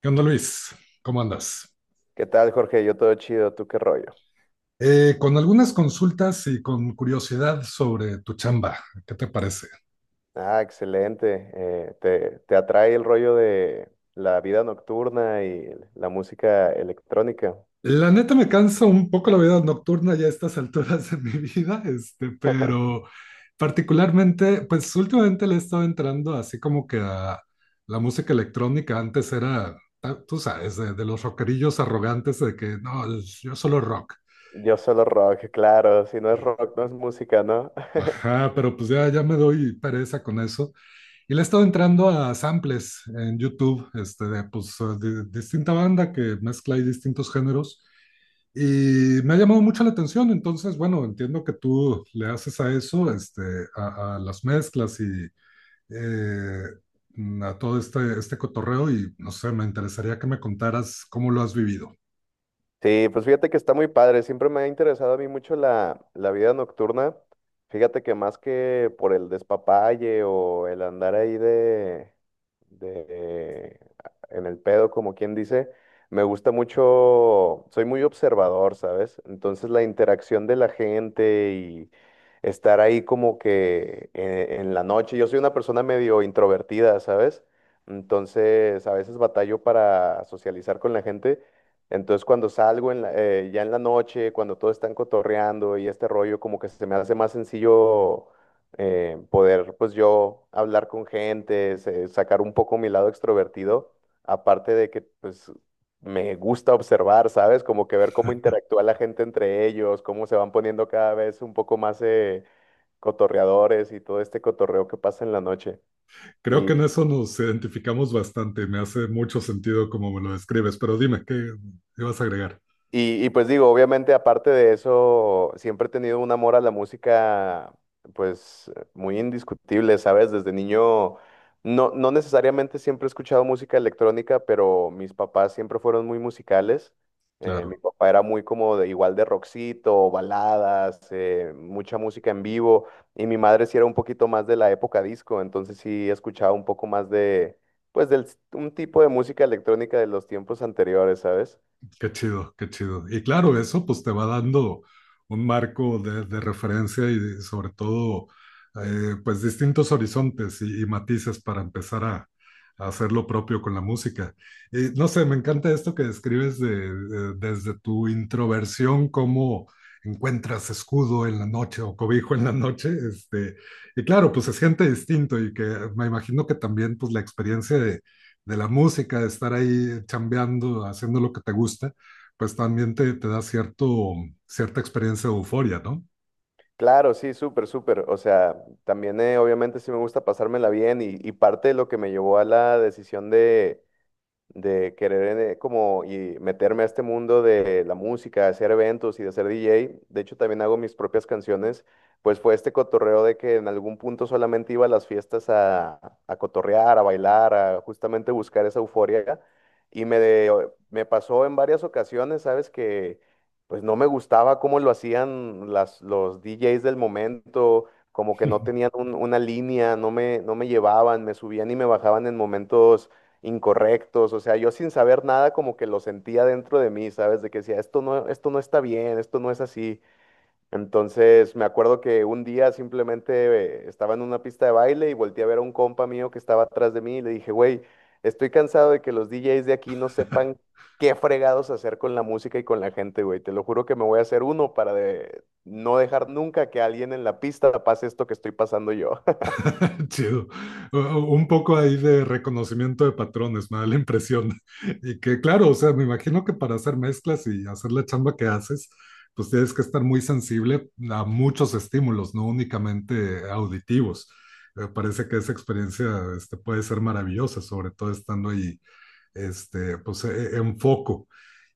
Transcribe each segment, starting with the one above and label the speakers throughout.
Speaker 1: ¿Qué onda, Luis? ¿Cómo andas?
Speaker 2: ¿Qué tal, Jorge? Yo todo chido, ¿tú qué rollo?
Speaker 1: Con algunas consultas y con curiosidad sobre tu chamba, ¿qué te parece?
Speaker 2: Ah, excelente. ¿Te atrae el rollo de la vida nocturna y la música electrónica?
Speaker 1: La neta me cansa un poco la vida nocturna ya a estas alturas de mi vida, pero particularmente, pues últimamente le he estado entrando así como que a la música electrónica. Antes era, tú sabes, de los rockerillos arrogantes de que no, yo solo rock.
Speaker 2: Yo solo rock, claro, si no es rock, no es música, ¿no?
Speaker 1: Ajá, pero pues ya, ya me doy pereza con eso. Y le he estado entrando a samples en YouTube, de, pues, de distinta banda que mezcla y distintos géneros. Y me ha llamado mucho la atención, entonces, bueno, entiendo que tú le haces a eso, a las mezclas y eh, a todo este cotorreo y, no sé, me interesaría que me contaras cómo lo has vivido.
Speaker 2: Sí, pues fíjate que está muy padre. Siempre me ha interesado a mí mucho la vida nocturna. Fíjate que más que por el despapalle o el andar ahí de en el pedo, como quien dice, me gusta mucho, soy muy observador, ¿sabes? Entonces la interacción de la gente y estar ahí como que en la noche. Yo soy una persona medio introvertida, ¿sabes? Entonces a veces batallo para socializar con la gente. Entonces cuando ya en la noche, cuando todos están cotorreando y este rollo, como que se me hace más sencillo poder pues yo hablar con gente, sacar un poco mi lado extrovertido, aparte de que pues me gusta observar, ¿sabes? Como que ver cómo interactúa la gente entre ellos, cómo se van poniendo cada vez un poco más cotorreadores y todo este cotorreo que pasa en la noche.
Speaker 1: Creo que en eso nos identificamos bastante, me hace mucho sentido como me lo describes, pero dime, ¿qué ibas a agregar?
Speaker 2: Y pues digo, obviamente aparte de eso, siempre he tenido un amor a la música, pues muy indiscutible, ¿sabes? Desde niño, no necesariamente siempre he escuchado música electrónica, pero mis papás siempre fueron muy musicales. Mi
Speaker 1: Claro.
Speaker 2: papá era muy como de, igual de rockcito, baladas, mucha música en vivo, y mi madre sí era un poquito más de la época disco, entonces sí escuchaba un poco más de, pues, del, un tipo de música electrónica de los tiempos anteriores, ¿sabes?
Speaker 1: Qué chido, qué chido. Y claro, eso pues te va dando un marco de referencia y sobre todo pues distintos horizontes y matices para empezar a hacer lo propio con la música. Y no sé, me encanta esto que describes de, desde tu introversión, cómo encuentras escudo en la noche o cobijo en la noche, y claro, pues es gente distinto y que me imagino que también pues la experiencia de la música, de estar ahí chambeando, haciendo lo que te gusta, pues también te da cierto, cierta experiencia de euforia, ¿no?
Speaker 2: Claro, sí, súper, súper. O sea, también obviamente sí me gusta pasármela bien y parte de lo que me llevó a la decisión de querer como y meterme a este mundo de la música, de hacer eventos y de ser DJ. De hecho, también hago mis propias canciones. Pues fue este cotorreo de que en algún punto solamente iba a las fiestas a cotorrear, a bailar, a justamente buscar esa euforia. Y me pasó en varias ocasiones, ¿sabes? Que pues no me gustaba cómo lo hacían los DJs del momento, como que no tenían una línea, no me llevaban, me subían y me bajaban en momentos incorrectos, o sea, yo sin saber nada como que lo sentía dentro de mí, ¿sabes? De que decía, esto no está bien, esto no es así. Entonces me acuerdo que un día simplemente estaba en una pista de baile y volteé a ver a un compa mío que estaba atrás de mí y le dije, güey, estoy cansado de que los DJs de aquí no sepan qué fregados hacer con la música y con la gente, güey. Te lo juro que me voy a hacer uno para no dejar nunca que alguien en la pista pase esto que estoy pasando yo.
Speaker 1: Chido. U- Un poco ahí de reconocimiento de patrones, me da la impresión. Y que claro, o sea, me imagino que para hacer mezclas y hacer la chamba que haces, pues tienes que estar muy sensible a muchos estímulos, no únicamente auditivos. Me parece que esa experiencia puede ser maravillosa, sobre todo estando ahí pues enfoco.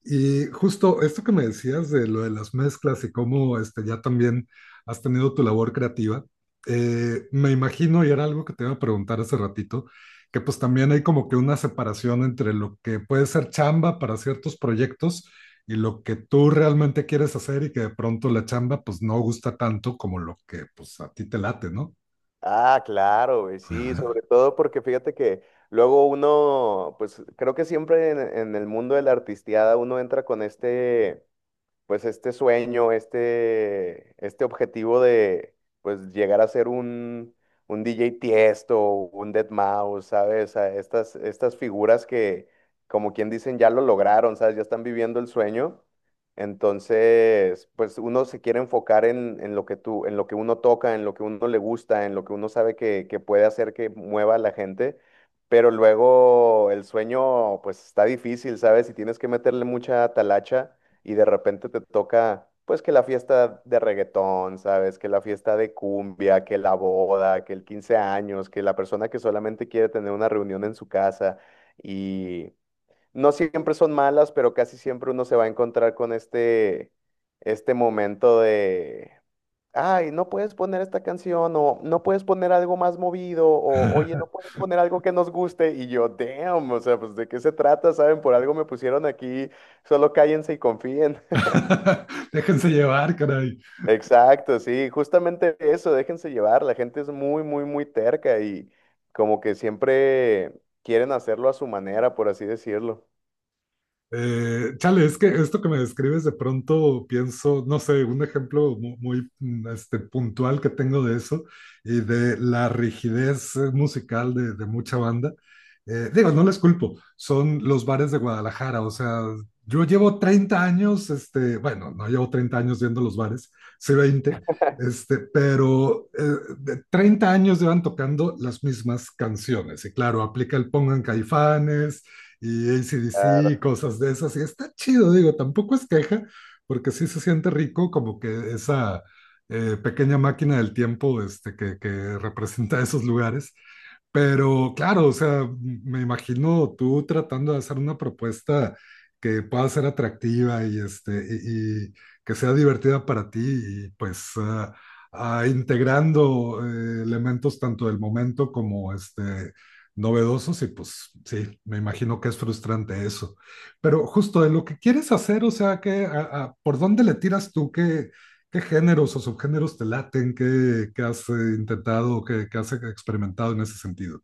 Speaker 1: Y justo esto que me decías de lo de las mezclas y cómo ya también has tenido tu labor creativa, me imagino, y era algo que te iba a preguntar hace ratito, que pues también hay como que una separación entre lo que puede ser chamba para ciertos proyectos y lo que tú realmente quieres hacer y que de pronto la chamba pues no gusta tanto como lo que pues a ti te late, ¿no?
Speaker 2: Ah, claro, güey, sí, sobre todo porque fíjate que luego uno, pues creo que siempre en el mundo de la artisteada uno entra con este, pues este sueño, este objetivo de pues llegar a ser un DJ Tiesto, un deadmau5, ¿sabes? A estas figuras que, como quien dicen, ya lo lograron, ¿sabes? Ya están viviendo el sueño. Entonces, pues uno se quiere enfocar en lo que tú, en lo que uno toca, en lo que uno le gusta, en lo que uno sabe que puede hacer que mueva a la gente. Pero luego el sueño, pues está difícil, ¿sabes? Y tienes que meterle mucha talacha y de repente te toca, pues que la fiesta de reggaetón, ¿sabes? Que la fiesta de cumbia, que la boda, que el 15 años, que la persona que solamente quiere tener una reunión en su casa y no siempre son malas, pero casi siempre uno se va a encontrar con este, este momento de... Ay, no puedes poner esta canción o no puedes poner algo más movido o oye, no puedes poner algo que nos guste y yo, damn, o sea, pues de qué se trata, ¿saben? Por algo me pusieron aquí, solo cállense y confíen.
Speaker 1: Déjense llevar, caray.
Speaker 2: Exacto, sí, justamente eso, déjense llevar, la gente es muy, muy, muy terca y como que siempre quieren hacerlo a su manera, por así decirlo.
Speaker 1: Chale, es que esto que me describes de pronto pienso, no sé, un ejemplo muy, puntual que tengo de eso y de la rigidez musical de mucha banda. Digo, no les culpo, son los bares de Guadalajara, o sea, yo llevo 30 años, bueno, no llevo 30 años viendo los bares, sí 20, pero de 30 años llevan tocando las mismas canciones y claro, aplica el pongan caifanes y AC/DC y
Speaker 2: Claro.
Speaker 1: cosas de esas. Y está chido, digo, tampoco es queja, porque sí se siente rico como que esa pequeña máquina del tiempo que representa esos lugares pero claro, o sea, me imagino tú tratando de hacer una propuesta que pueda ser atractiva y, y que sea divertida para ti y pues ah, integrando elementos tanto del momento como novedosos y pues sí, me imagino que es frustrante eso. Pero justo de lo que quieres hacer, o sea, que, ¿por dónde le tiras tú? ¿Qué géneros o subgéneros te laten? ¿Qué, qué has intentado? ¿Qué, qué has experimentado en ese sentido?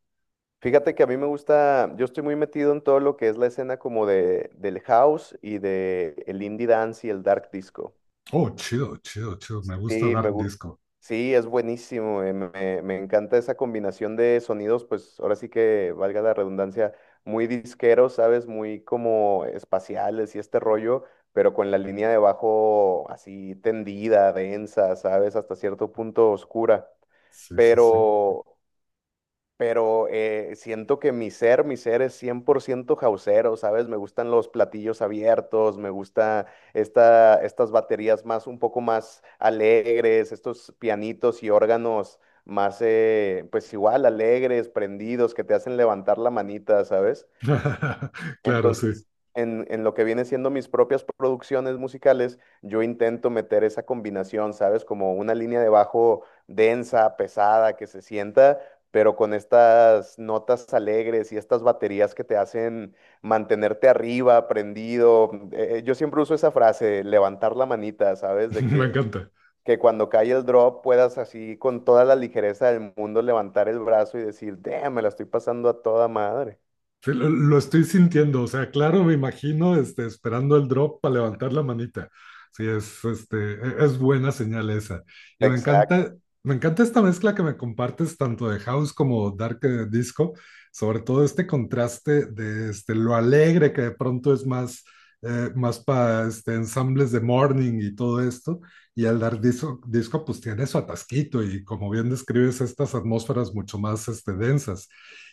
Speaker 2: Fíjate que a mí me gusta, yo estoy muy metido en todo lo que es la escena como de, del house y de el indie dance y el dark disco.
Speaker 1: Oh, chido, chido, chido. Me gusta
Speaker 2: Sí,
Speaker 1: dar
Speaker 2: me gusta.
Speaker 1: disco.
Speaker 2: Sí, es buenísimo. Me encanta esa combinación de sonidos, pues ahora sí que valga la redundancia, muy disqueros, ¿sabes? Muy como espaciales y este rollo, pero con la línea de bajo así tendida, densa, ¿sabes? Hasta cierto punto oscura.
Speaker 1: Sí, sí, sí.
Speaker 2: Pero pero siento que mi ser es 100% jazzero, ¿sabes? Me gustan los platillos abiertos, me gusta estas baterías más, un poco más alegres, estos pianitos y órganos más, pues igual, alegres, prendidos, que te hacen levantar la manita, ¿sabes?
Speaker 1: Claro, sí.
Speaker 2: Entonces, en lo que viene siendo mis propias producciones musicales, yo intento meter esa combinación, ¿sabes? Como una línea de bajo densa, pesada, que se sienta, pero con estas notas alegres y estas baterías que te hacen mantenerte arriba, prendido. Yo siempre uso esa frase, levantar la manita, ¿sabes?
Speaker 1: Me encanta.
Speaker 2: Que cuando cae el drop puedas así con toda la ligereza del mundo levantar el brazo y decir, damn, me la estoy pasando a toda madre.
Speaker 1: Sí, lo estoy sintiendo, o sea, claro, me imagino esperando el drop para levantar la manita. Sí, es, es buena señal esa. Y
Speaker 2: Exacto.
Speaker 1: me encanta esta mezcla que me compartes tanto de house como dark disco, sobre todo este contraste de lo alegre que de pronto es más, más para ensambles de morning y todo esto, y el dark disco, disco pues tiene su atasquito y como bien describes estas atmósferas mucho más densas.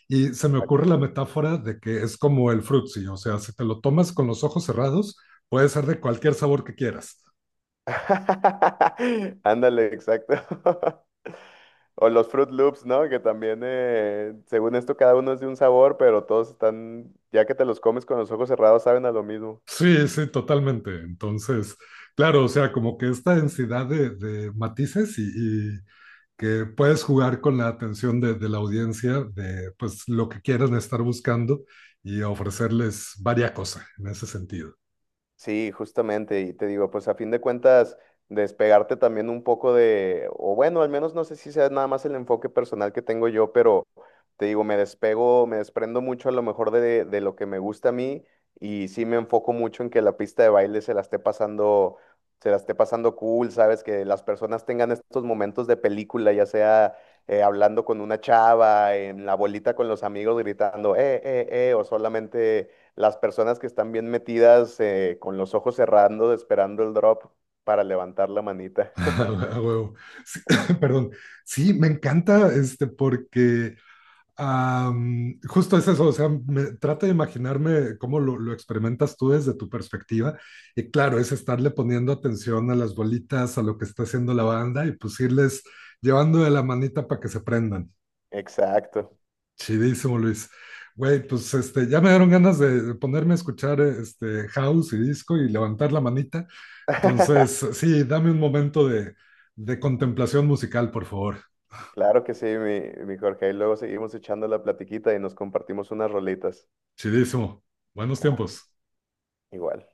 Speaker 1: Y se me ocurre la metáfora de que es como el frutzi, o sea, si te lo tomas con los ojos cerrados, puede ser de cualquier sabor que quieras.
Speaker 2: Ándale, exacto. O los Fruit Loops, ¿no? Que también, según esto, cada uno es de un sabor, pero todos están, ya que te los comes con los ojos cerrados, saben a lo mismo.
Speaker 1: Sí, sí, totalmente. Entonces, claro, o sea, como que esta densidad de matices y que puedes jugar con la atención de la audiencia de pues lo que quieran estar buscando y ofrecerles varias cosas en ese sentido.
Speaker 2: Sí, justamente, y te digo, pues a fin de cuentas, despegarte también un poco de, o bueno, al menos no sé si sea nada más el enfoque personal que tengo yo, pero te digo, me despego, me desprendo mucho a lo mejor de lo que me gusta a mí y sí me enfoco mucho en que la pista de baile se la esté pasando, se la esté pasando cool, ¿sabes? Que las personas tengan estos momentos de película, ya sea hablando con una chava, en la bolita con los amigos gritando, o solamente las personas que están bien metidas con los ojos cerrando, esperando el drop para levantar la manita.
Speaker 1: Ah, huevo. Sí, perdón. Sí, me encanta este porque justo es eso, o sea, trato de imaginarme cómo lo experimentas tú desde tu perspectiva. Y claro, es estarle poniendo atención a las bolitas, a lo que está haciendo la banda y pues irles llevando de la manita para que se prendan.
Speaker 2: Exacto.
Speaker 1: Chidísimo, Luis. Güey, pues ya me dieron ganas de ponerme a escuchar este house y disco y levantar la manita. Entonces, sí, dame un momento de contemplación musical, por favor.
Speaker 2: Claro que sí, mi Jorge. Y luego seguimos echando la platiquita y nos compartimos unas rolitas.
Speaker 1: Chidísimo. Buenos tiempos.
Speaker 2: Igual.